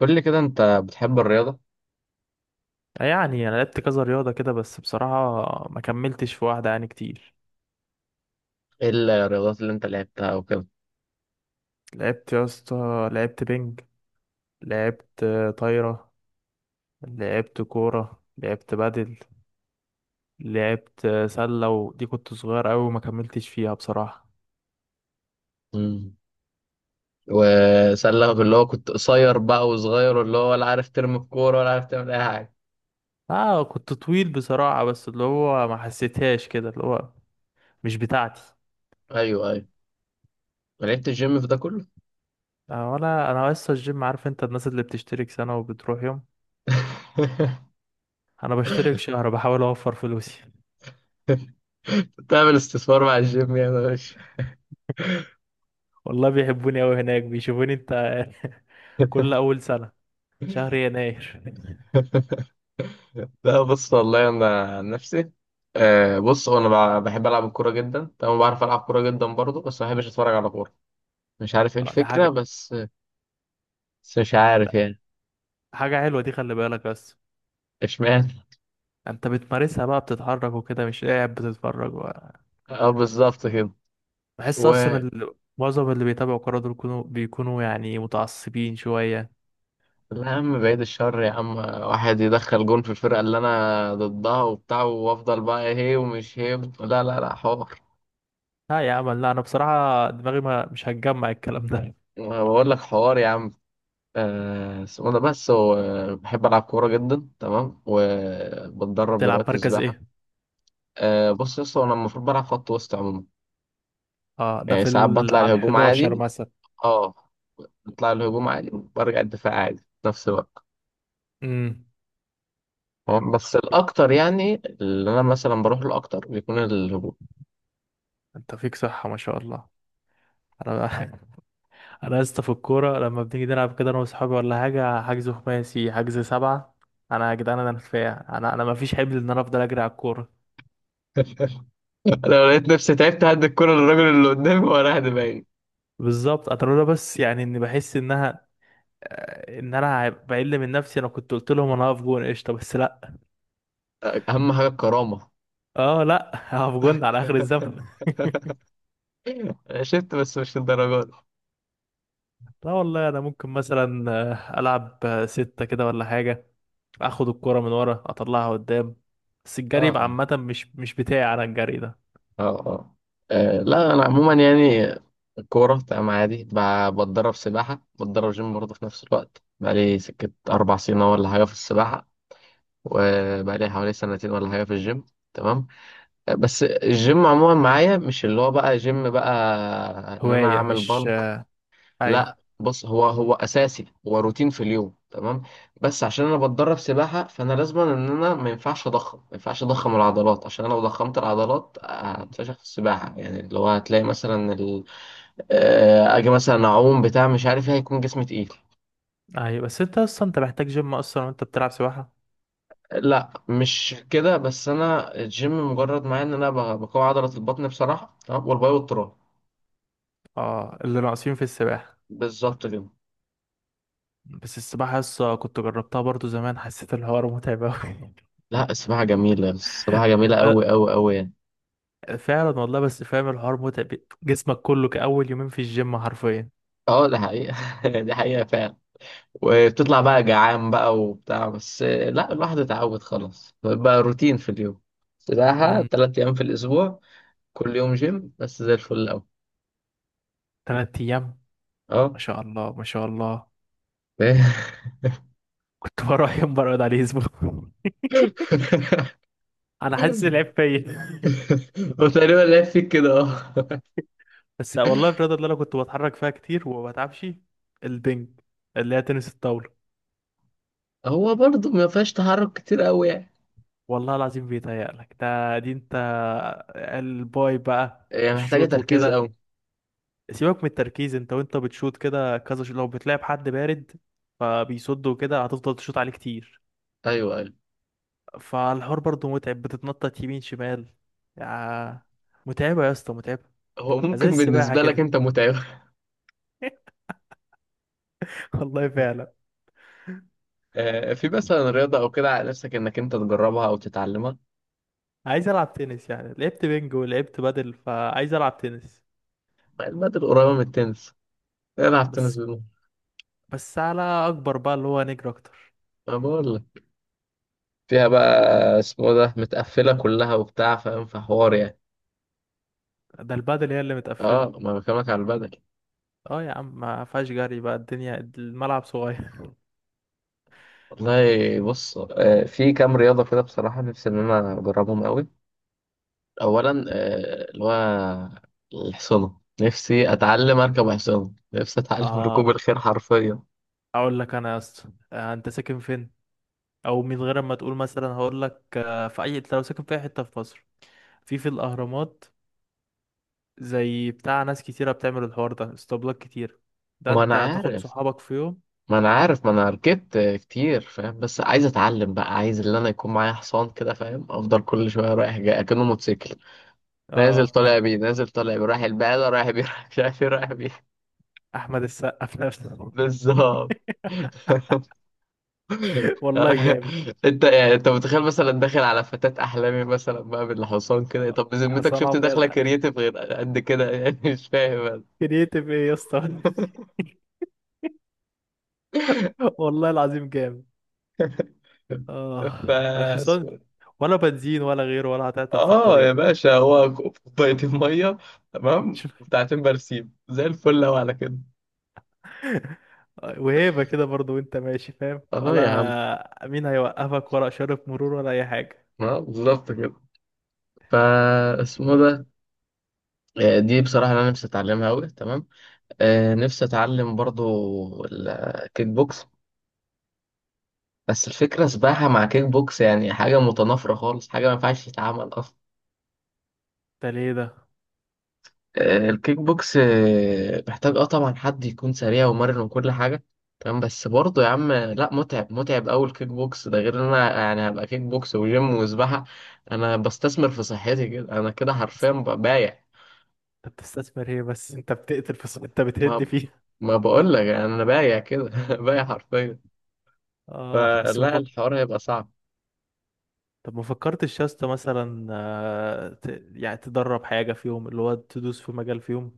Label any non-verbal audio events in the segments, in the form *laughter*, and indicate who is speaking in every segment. Speaker 1: قول لي كده انت بتحب الرياضة؟
Speaker 2: يعني انا لعبت كذا رياضه كده، بس بصراحه ما كملتش في واحده يعني كتير.
Speaker 1: ايه الرياضات اللي انت لعبتها وكده؟
Speaker 2: لعبت يا اسطى، لعبت بينج، لعبت طايره، لعبت كوره، لعبت بدل، لعبت سله، ودي كنت صغير قوي وما كملتش فيها بصراحه.
Speaker 1: مم. وسألك اللي هو كنت قصير بقى وصغير واللي هو ولا عارف ترمي الكورة ولا عارف تعمل اي حاجة؟
Speaker 2: اه، كنت طويل بصراحه بس اللي هو ما حسيتهاش كده، اللي هو مش بتاعتي.
Speaker 1: ايوه، ايوه. ما لعبت الجيم في ده كله؟
Speaker 2: آه، ولا انا لسه الجيم. عارف انت الناس اللي بتشترك سنه وبتروح يوم؟
Speaker 1: *laughs*
Speaker 2: انا بشترك شهر، بحاول اوفر فلوسي.
Speaker 1: تعمل استثمار مع الجيم يا باشا؟
Speaker 2: *laughs* والله بيحبوني قوي هناك، بيشوفوني انت. *laughs* كل
Speaker 1: *laughs*
Speaker 2: اول سنه شهر يناير. *laughs*
Speaker 1: لا، بص والله انا عن نفسي. بص هو انا بحب العب الكوره جدا، تمام، بعرف العب كوره جدا برضه، بس ما بحبش اتفرج على كوره. مش عارف ايه
Speaker 2: ده
Speaker 1: الفكره
Speaker 2: حاجة،
Speaker 1: بس. بس مش عارف يعني.
Speaker 2: حاجة حلوة دي، خلي بالك بس.
Speaker 1: اشمعنى؟
Speaker 2: انت بتمارسها بقى، بتتحرك وكده، مش قاعد بتتفرج.
Speaker 1: *laughs* اه، بالظبط كده.
Speaker 2: بحس اصلا،
Speaker 1: ولا،
Speaker 2: معظم اللي بيتابعوا كورة دول بيكونوا يعني متعصبين شوية.
Speaker 1: يا عم بعيد الشر يا عم، واحد يدخل جون في الفرقة اللي أنا ضدها وبتاع، وأفضل بقى هي ومش هي. لا، لا، لا حوار.
Speaker 2: لا يا عم، لا، انا بصراحة دماغي ما مش هتجمع الكلام ده.
Speaker 1: بقول لك حوار يا عم. اسمه ده، بس هو بحب ألعب كورة جدا، تمام، وبتدرب
Speaker 2: تلعب
Speaker 1: دلوقتي
Speaker 2: مركز
Speaker 1: سباحة.
Speaker 2: ايه؟
Speaker 1: بص يا اسطى، أنا المفروض بلعب خط وسط عموما.
Speaker 2: اه، ده
Speaker 1: يعني
Speaker 2: في
Speaker 1: ساعات بطلع
Speaker 2: على ال
Speaker 1: الهجوم
Speaker 2: 11
Speaker 1: عادي.
Speaker 2: مثلا.
Speaker 1: اه، بطلع الهجوم عادي وبرجع الدفاع عادي في نفس الوقت.
Speaker 2: امم.
Speaker 1: تمام؟ بس الأكتر يعني، اللي أنا مثلا بروح له أكتر بيكون الهجوم.
Speaker 2: انت فيك صحة ما شاء الله. انا، *laughs* انا يا اسطى في الكوره لما بنيجي نلعب كده انا واصحابي، ولا حاجه، حجز خماسي، حجز سبعه. انا يا جدعان، انا رفيع، انا ما فيش حبل ان انا افضل اجري على الكوره.
Speaker 1: انا لو لقيت نفسي تعبت هدي الكرة للراجل اللي قدامي وراح دماغي.
Speaker 2: بالظبط. انا لولا بس، يعني اني بحس انها، ان انا هبقى بقل من نفسي، انا كنت قلت لهم انا هقف جون قشطه، بس لا.
Speaker 1: أهم حاجة الكرامة.
Speaker 2: اه لا، *laughs* هقف جون على اخر الزمن.
Speaker 1: *laughs* أنا شفت، بس مش للدرجة دي.
Speaker 2: لا والله انا ممكن مثلا العب 6 كده ولا حاجه، اخد الكوره من ورا اطلعها قدام. بس الجري
Speaker 1: اه،
Speaker 2: يبقى
Speaker 1: اه.
Speaker 2: عامه، مش بتاعي انا، الجري ده
Speaker 1: اه، اه. لا، أنا عموما يعني الكورة تمام عادي، بتدرب سباحة، بتدرب جيم برضه في نفس الوقت، بقالي سكة 4 سنين أهو ولا حاجة في السباحة، وبقالي حوالي سنتين ولا حاجة في الجيم. تمام. بس الجيم عموما معايا مش اللي هو بقى جيم بقى، إن أنا
Speaker 2: هوايه
Speaker 1: أعمل
Speaker 2: مش
Speaker 1: بالك.
Speaker 2: آه، ايوه
Speaker 1: لا، بص هو هو اساسي، هو روتين في اليوم، تمام. بس عشان انا بتدرب سباحه، فانا لازم ان انا ما ينفعش اضخم العضلات، عشان انا لو ضخمت العضلات هتفشخ في السباحه، يعني اللي هو هتلاقي مثلا اجي مثلا اعوم بتاع مش عارف ايه، هيكون جسمي تقيل.
Speaker 2: ايوه. بس انت اصلا، انت محتاج جيم اصلا وانت بتلعب سباحة.
Speaker 1: لا، مش كده، بس انا الجيم مجرد معايا ان انا بقوي عضله البطن بصراحه، تمام، والباي والتراي.
Speaker 2: اه، اللي ناقصين في السباحة.
Speaker 1: بالظبط كده.
Speaker 2: بس السباحة لسه كنت جربتها برضو زمان، حسيت الحوار متعب أوي.
Speaker 1: لا، السباحه جميله، السباحه
Speaker 2: *laughs*
Speaker 1: جميله قوي
Speaker 2: آه،
Speaker 1: قوي قوي يعني.
Speaker 2: فعلا والله، بس فاهم الحوار متعب. جسمك كله كأول يومين في الجيم حرفيا.
Speaker 1: اه، ده حقيقه. *laughs* دي حقيقه فعلا. وبتطلع بقى جعان بقى وبتاع، بس لا، الواحد اتعود خلاص، بقى روتين في اليوم. سباحة
Speaker 2: مم،
Speaker 1: 3 أيام في الأسبوع، كل يوم جيم بس زي الفل أوي.
Speaker 2: 3 أيام.
Speaker 1: أه.
Speaker 2: ما شاء الله ما شاء الله.
Speaker 1: *laughs*
Speaker 2: كنت *laughs* بروح يوم برقد عليه أسبوع. *laughs* أنا حاسس العيب فيا. *laughs*
Speaker 1: هو تقريبا لعب فيك كده، أه.
Speaker 2: بس والله الرياضة اللي أنا كنت بتحرك فيها كتير وما بتعبش، البنج اللي هي تنس الطاولة.
Speaker 1: هو برضه ما فيهاش تحرك كتير أوي يعني.
Speaker 2: والله العظيم بيتهيألك، ده دي انت. الباي بقى،
Speaker 1: يعني محتاجة
Speaker 2: الشوط
Speaker 1: تركيز
Speaker 2: وكده.
Speaker 1: أوي.
Speaker 2: سيبك من التركيز، انت وانت بتشوط كده كذا شوط، لو بتلعب حد بارد فبيصد وكده هتفضل تشوط عليه كتير.
Speaker 1: أيوه، أيوه.
Speaker 2: فالحوار برضه متعب، بتتنطط يمين شمال، يا متعبة يا اسطى، متعبة.
Speaker 1: هو
Speaker 2: زي
Speaker 1: ممكن
Speaker 2: السباحة
Speaker 1: بالنسبة لك
Speaker 2: كده.
Speaker 1: أنت متعبة.
Speaker 2: *laughs* والله
Speaker 1: *laughs*
Speaker 2: فعلا.
Speaker 1: في مثلا رياضة أو كده على نفسك إنك أنت تجربها أو تتعلمها؟
Speaker 2: عايز العب تنس، يعني لعبت بينج ولعبت بدل، فعايز العب تنس.
Speaker 1: المادة القريبة من التنس، العب تنس
Speaker 2: بس
Speaker 1: بالمرة.
Speaker 2: بس على اكبر بقى، اللي هو نجري اكتر.
Speaker 1: أنا بقول لك، فيها بقى، اسمه ده متقفلة كلها وبتاع، فاهم، في حوار يعني.
Speaker 2: ده البادل هي اللي متقفلة.
Speaker 1: اه، ما أنا بكلمك على البدل.
Speaker 2: اه يا عم، ما فيهاش جري بقى، الدنيا الملعب صغير.
Speaker 1: والله بص، في كام رياضة كده بصراحة نفسي إن أنا أجربهم أوي. أولا اللي هو الحصانة، نفسي أتعلم أركب حصانة، نفسي
Speaker 2: *laughs*
Speaker 1: أتعلم *laughs* ركوب
Speaker 2: اه،
Speaker 1: الخيل حرفيا.
Speaker 2: اقول لك انا يا اسطى، انت ساكن فين؟ او من غير ما تقول مثلا، هقول لك في اي، انت لو ساكن في اي حته في مصر، في الاهرامات، زي بتاع ناس كتيره بتعمل الحوار ده، اسطبلات كتير، ده
Speaker 1: ما أنا
Speaker 2: انت تاخد
Speaker 1: عارف،
Speaker 2: صحابك في يوم.
Speaker 1: ما أنا عارف، ما أنا ركبت كتير فاهم، بس عايز أتعلم بقى، عايز اللي أنا يكون معايا حصان كده فاهم، أفضل كل شوية رايح جاي أكنه موتوسيكل، نازل
Speaker 2: اه،
Speaker 1: طالع بيه، نازل طالع بيه، رايح البقالة رايح بيه، رايح مش عارف ايه رايح بيه.
Speaker 2: *laughs* احمد السقا في نفسه.
Speaker 1: بالظبط. *laughs*
Speaker 2: *laughs* والله جامد.
Speaker 1: انت يعني انت متخيل مثلا داخل على فتاة احلامي مثلا بقى بالحصان كده؟ طب بذمتك
Speaker 2: حسن
Speaker 1: شفت
Speaker 2: ابيض،
Speaker 1: داخله كرييتيف غير قد كده يعني؟ *laughs* مش فاهم انا.
Speaker 2: كرييتيف ايه يا اسطى؟ *laughs* والله العظيم جامد. اه،
Speaker 1: ف
Speaker 2: الحصان ولا بنزين ولا غيره، ولا هتعطل في
Speaker 1: اه يا
Speaker 2: الطريق.
Speaker 1: باشا، هو كوبايتين ميه تمام،
Speaker 2: *laughs*
Speaker 1: وبتاعتين برسيم زي الفل لو على كده.
Speaker 2: وهيبة كده برضو، وانت ماشي فاهم،
Speaker 1: اه يا عم،
Speaker 2: ولا مين هيوقفك، ولا إشارة مرور، ولا أي حاجة.
Speaker 1: اه، بالظبط كده. فا، اسمه ده، دي بصراحه انا نفسي اتعلمها قوي، تمام. نفسي اتعلم برضو الكيك بوكس. بس الفكره سباحه مع كيك بوكس يعني حاجه متنافره خالص، حاجه ما ينفعش تتعمل اصلا.
Speaker 2: انت ليه ده؟
Speaker 1: الكيك بوكس محتاج، اه طبعا، حد يكون سريع ومرن وكل حاجه، تمام. بس برضه يا عم، لا، متعب، متعب قوي الكيك بوكس ده، غير ان انا يعني هبقى كيك بوكس وجيم وسباحه. انا بستثمر في صحتي كده، انا كده حرفيا بايع.
Speaker 2: انت بتستثمر ايه بس؟ انت بتقتل في انت بتهد
Speaker 1: ما
Speaker 2: فيه.
Speaker 1: ما بقول لك انا بايع كده. *laughs* بايع حرفيا.
Speaker 2: اه، بس
Speaker 1: فلا
Speaker 2: مفك...
Speaker 1: الحوار هيبقى صعب.
Speaker 2: طب ما فكرتش يا اسطى مثلا يعني تدرب حاجة فيهم، اللي هو تدوس في مجال فيهم.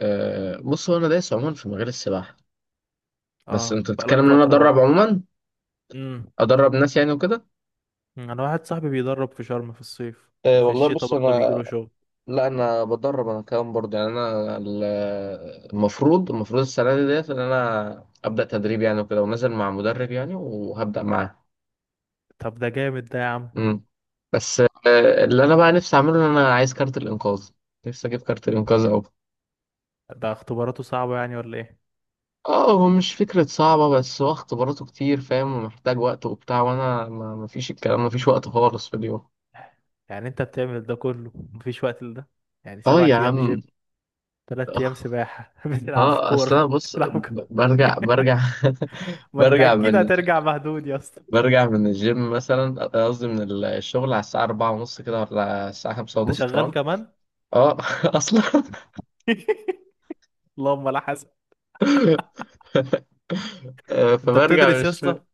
Speaker 1: أه، بص هو انا دايس عموما في مجال السباحه. بس
Speaker 2: اه،
Speaker 1: انت
Speaker 2: بقالك
Speaker 1: بتتكلم ان انا
Speaker 2: فترة
Speaker 1: ادرب
Speaker 2: برضو.
Speaker 1: عموما،
Speaker 2: امم.
Speaker 1: ادرب ناس يعني وكده.
Speaker 2: انا واحد صاحبي بيدرب في شرم في الصيف،
Speaker 1: أه،
Speaker 2: وفي
Speaker 1: والله
Speaker 2: الشتاء
Speaker 1: بص
Speaker 2: برضه
Speaker 1: انا،
Speaker 2: بيجيله شغل.
Speaker 1: لا، انا بدرب، انا كمان برضه يعني انا المفروض السنه دي ديت ان انا ابدا تدريب يعني وكده، ونازل مع مدرب يعني، وهبدا معاه.
Speaker 2: طب ده جامد ده يا عم.
Speaker 1: امم. بس أه، اللي انا بقى نفسي اعمله ان انا عايز كارت الانقاذ، نفسي اجيب كارت الانقاذ او...
Speaker 2: ده اختباراته صعبة يعني، ولا ايه؟
Speaker 1: اه، هو مش فكرة صعبة، بس هو اختباراته كتير فاهم، ومحتاج وقت وبتاع، وانا ما فيش الكلام، ما فيش وقت خالص في اليوم.
Speaker 2: يعني انت بتعمل ده كله، مفيش وقت لده؟ يعني
Speaker 1: اه
Speaker 2: سبعة
Speaker 1: يا
Speaker 2: ايام جيم،
Speaker 1: عم.
Speaker 2: 3 ايام سباحة، *laughs* بتلعب في
Speaker 1: اه، اصلا
Speaker 2: كورة،
Speaker 1: بص،
Speaker 2: بتلعب ك-
Speaker 1: برجع
Speaker 2: *laughs*
Speaker 1: برجع *laughs*
Speaker 2: ما انت
Speaker 1: برجع
Speaker 2: اكيد
Speaker 1: من ال-
Speaker 2: هترجع مهدود يا اسطى.
Speaker 1: برجع من الجيم مثلا، قصدي من الشغل على الساعة 4:30 كده ولا الساعة خمسة
Speaker 2: انت
Speaker 1: ونص
Speaker 2: شغال
Speaker 1: تمام.
Speaker 2: كمان؟
Speaker 1: اه. *laughs* اصلا.
Speaker 2: *laughs* اللهم لا حسن.
Speaker 1: *laughs*
Speaker 2: انت
Speaker 1: فبرجع من
Speaker 2: بتدرس يا
Speaker 1: الشغل.
Speaker 2: اسطى؟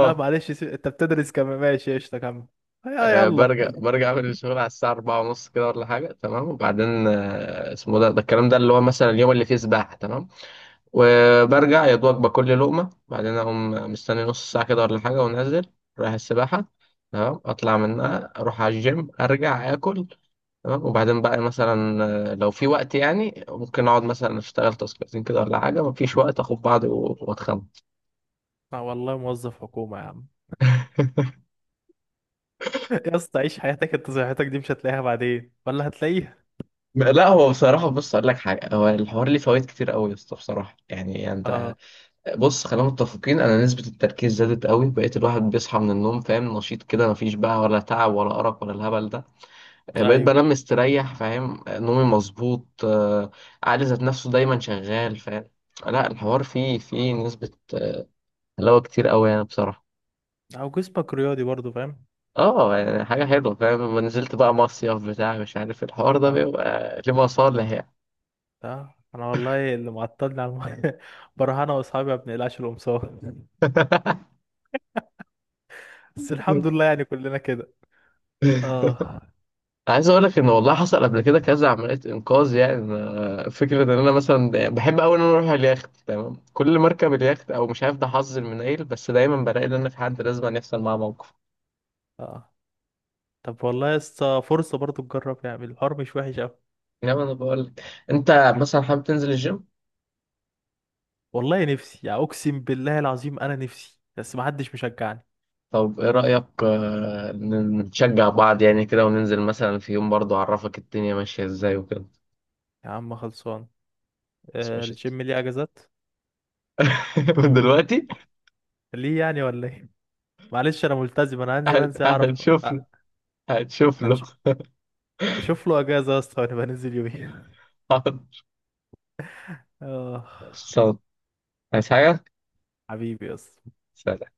Speaker 2: لا معلش انت بتدرس كمان، ماشي قشطة، كمل. يا يلا.
Speaker 1: برجع من الشغل على الساعة أربعة ونص كده ولا حاجة، تمام. وبعدين اسمه ده الكلام ده اللي هو مثلا اليوم اللي فيه سباحة، تمام. وبرجع يا دوبك باكل لي لقمة، بعدين أقوم مستني نص ساعة كده ولا حاجة، وأنزل رايح السباحة. تمام، أطلع منها أروح على الجيم، أرجع آكل، تمام. وبعدين بقى مثلا، لو في وقت يعني ممكن أقعد مثلا أشتغل تاسكاتين كده ولا حاجة، مفيش وقت، أخد بعضي و- وأتخمم.
Speaker 2: اه والله موظف حكومة يا عم.
Speaker 1: *laughs*
Speaker 2: *laughs* يا اسطى عيش حياتك، انت صحتك دي مش هتلاقيها بعدين، ولا هتلاقيها.
Speaker 1: لا، هو بصراحة بص أقول لك حاجة، هو الحوار ليه فوائد كتير قوي يا اسطى بصراحة، يعني
Speaker 2: اه.
Speaker 1: أنت، بص خلينا متفقين، أنا نسبة التركيز زادت قوي، بقيت الواحد بيصحى من النوم فاهم نشيط كده، مفيش بقى ولا تعب ولا أرق ولا الهبل ده. يعني بقيت
Speaker 2: ايوه.
Speaker 1: بنام مستريح فاهم، نومي مظبوط، عقلي ذات نفسه دايما شغال فاهم. لا، الحوار فيه نسبة حلاوة كتير قوي يعني بصراحة.
Speaker 2: او جسمك رياضي برضو فاهم.
Speaker 1: اه، يعني حاجة حلوة فاهم، لما نزلت بقى مصيف بتاع مش عارف الحوار ده
Speaker 2: اه
Speaker 1: بيبقى ليه مصالح يعني.
Speaker 2: اه، انا والله اللي معطلني على الميه، *laughs* بروح انا واصحابي ما بنقلعش القمصان.
Speaker 1: *laughs*
Speaker 2: بس الحمد لله يعني كلنا كده. اه
Speaker 1: عايز اقول لك ان والله حصل قبل كده كذا عمليه انقاذ يعني. فكره ان انا مثلا بحب قوي ان انا اروح اليخت، تمام، كل ما اركب اليخت او مش عارف ده حظ المنيل، بس دايما بلاقي ان انا في حد لازم أن يحصل معاه موقف.
Speaker 2: اه. طب والله لسه فرصه برضو تجرب، يعني الحوار مش وحش قوي.
Speaker 1: نعم، انا بقول لك، انت مثلا حابب تنزل الجيم؟
Speaker 2: والله نفسي يعني، اقسم بالله العظيم انا نفسي، بس ما حدش مشجعني.
Speaker 1: طب ايه رأيك، نشجع بعض يعني كده، وننزل مثلا في يوم برضه اعرفك الدنيا ماشية ازاي وكده؟
Speaker 2: يا عم خلصان.
Speaker 1: بس
Speaker 2: آه،
Speaker 1: ماشي.
Speaker 2: الجيم ليه اجازات؟
Speaker 1: *laughs* من دلوقتي.
Speaker 2: ليه يعني ولا ايه؟ معلش انا ملتزم، انا هنزل انزل اعرف
Speaker 1: هنشوف له.
Speaker 2: آه.
Speaker 1: هنشوف له.
Speaker 2: هنش-
Speaker 1: *laughs*
Speaker 2: شوف له اجازه يا اسطى، ونبقى ننزل يومين.
Speaker 1: حاضر.
Speaker 2: *laughs* اه،
Speaker 1: خلصان. عايز حاجة؟
Speaker 2: حبيبي يا اسطى.
Speaker 1: سلام.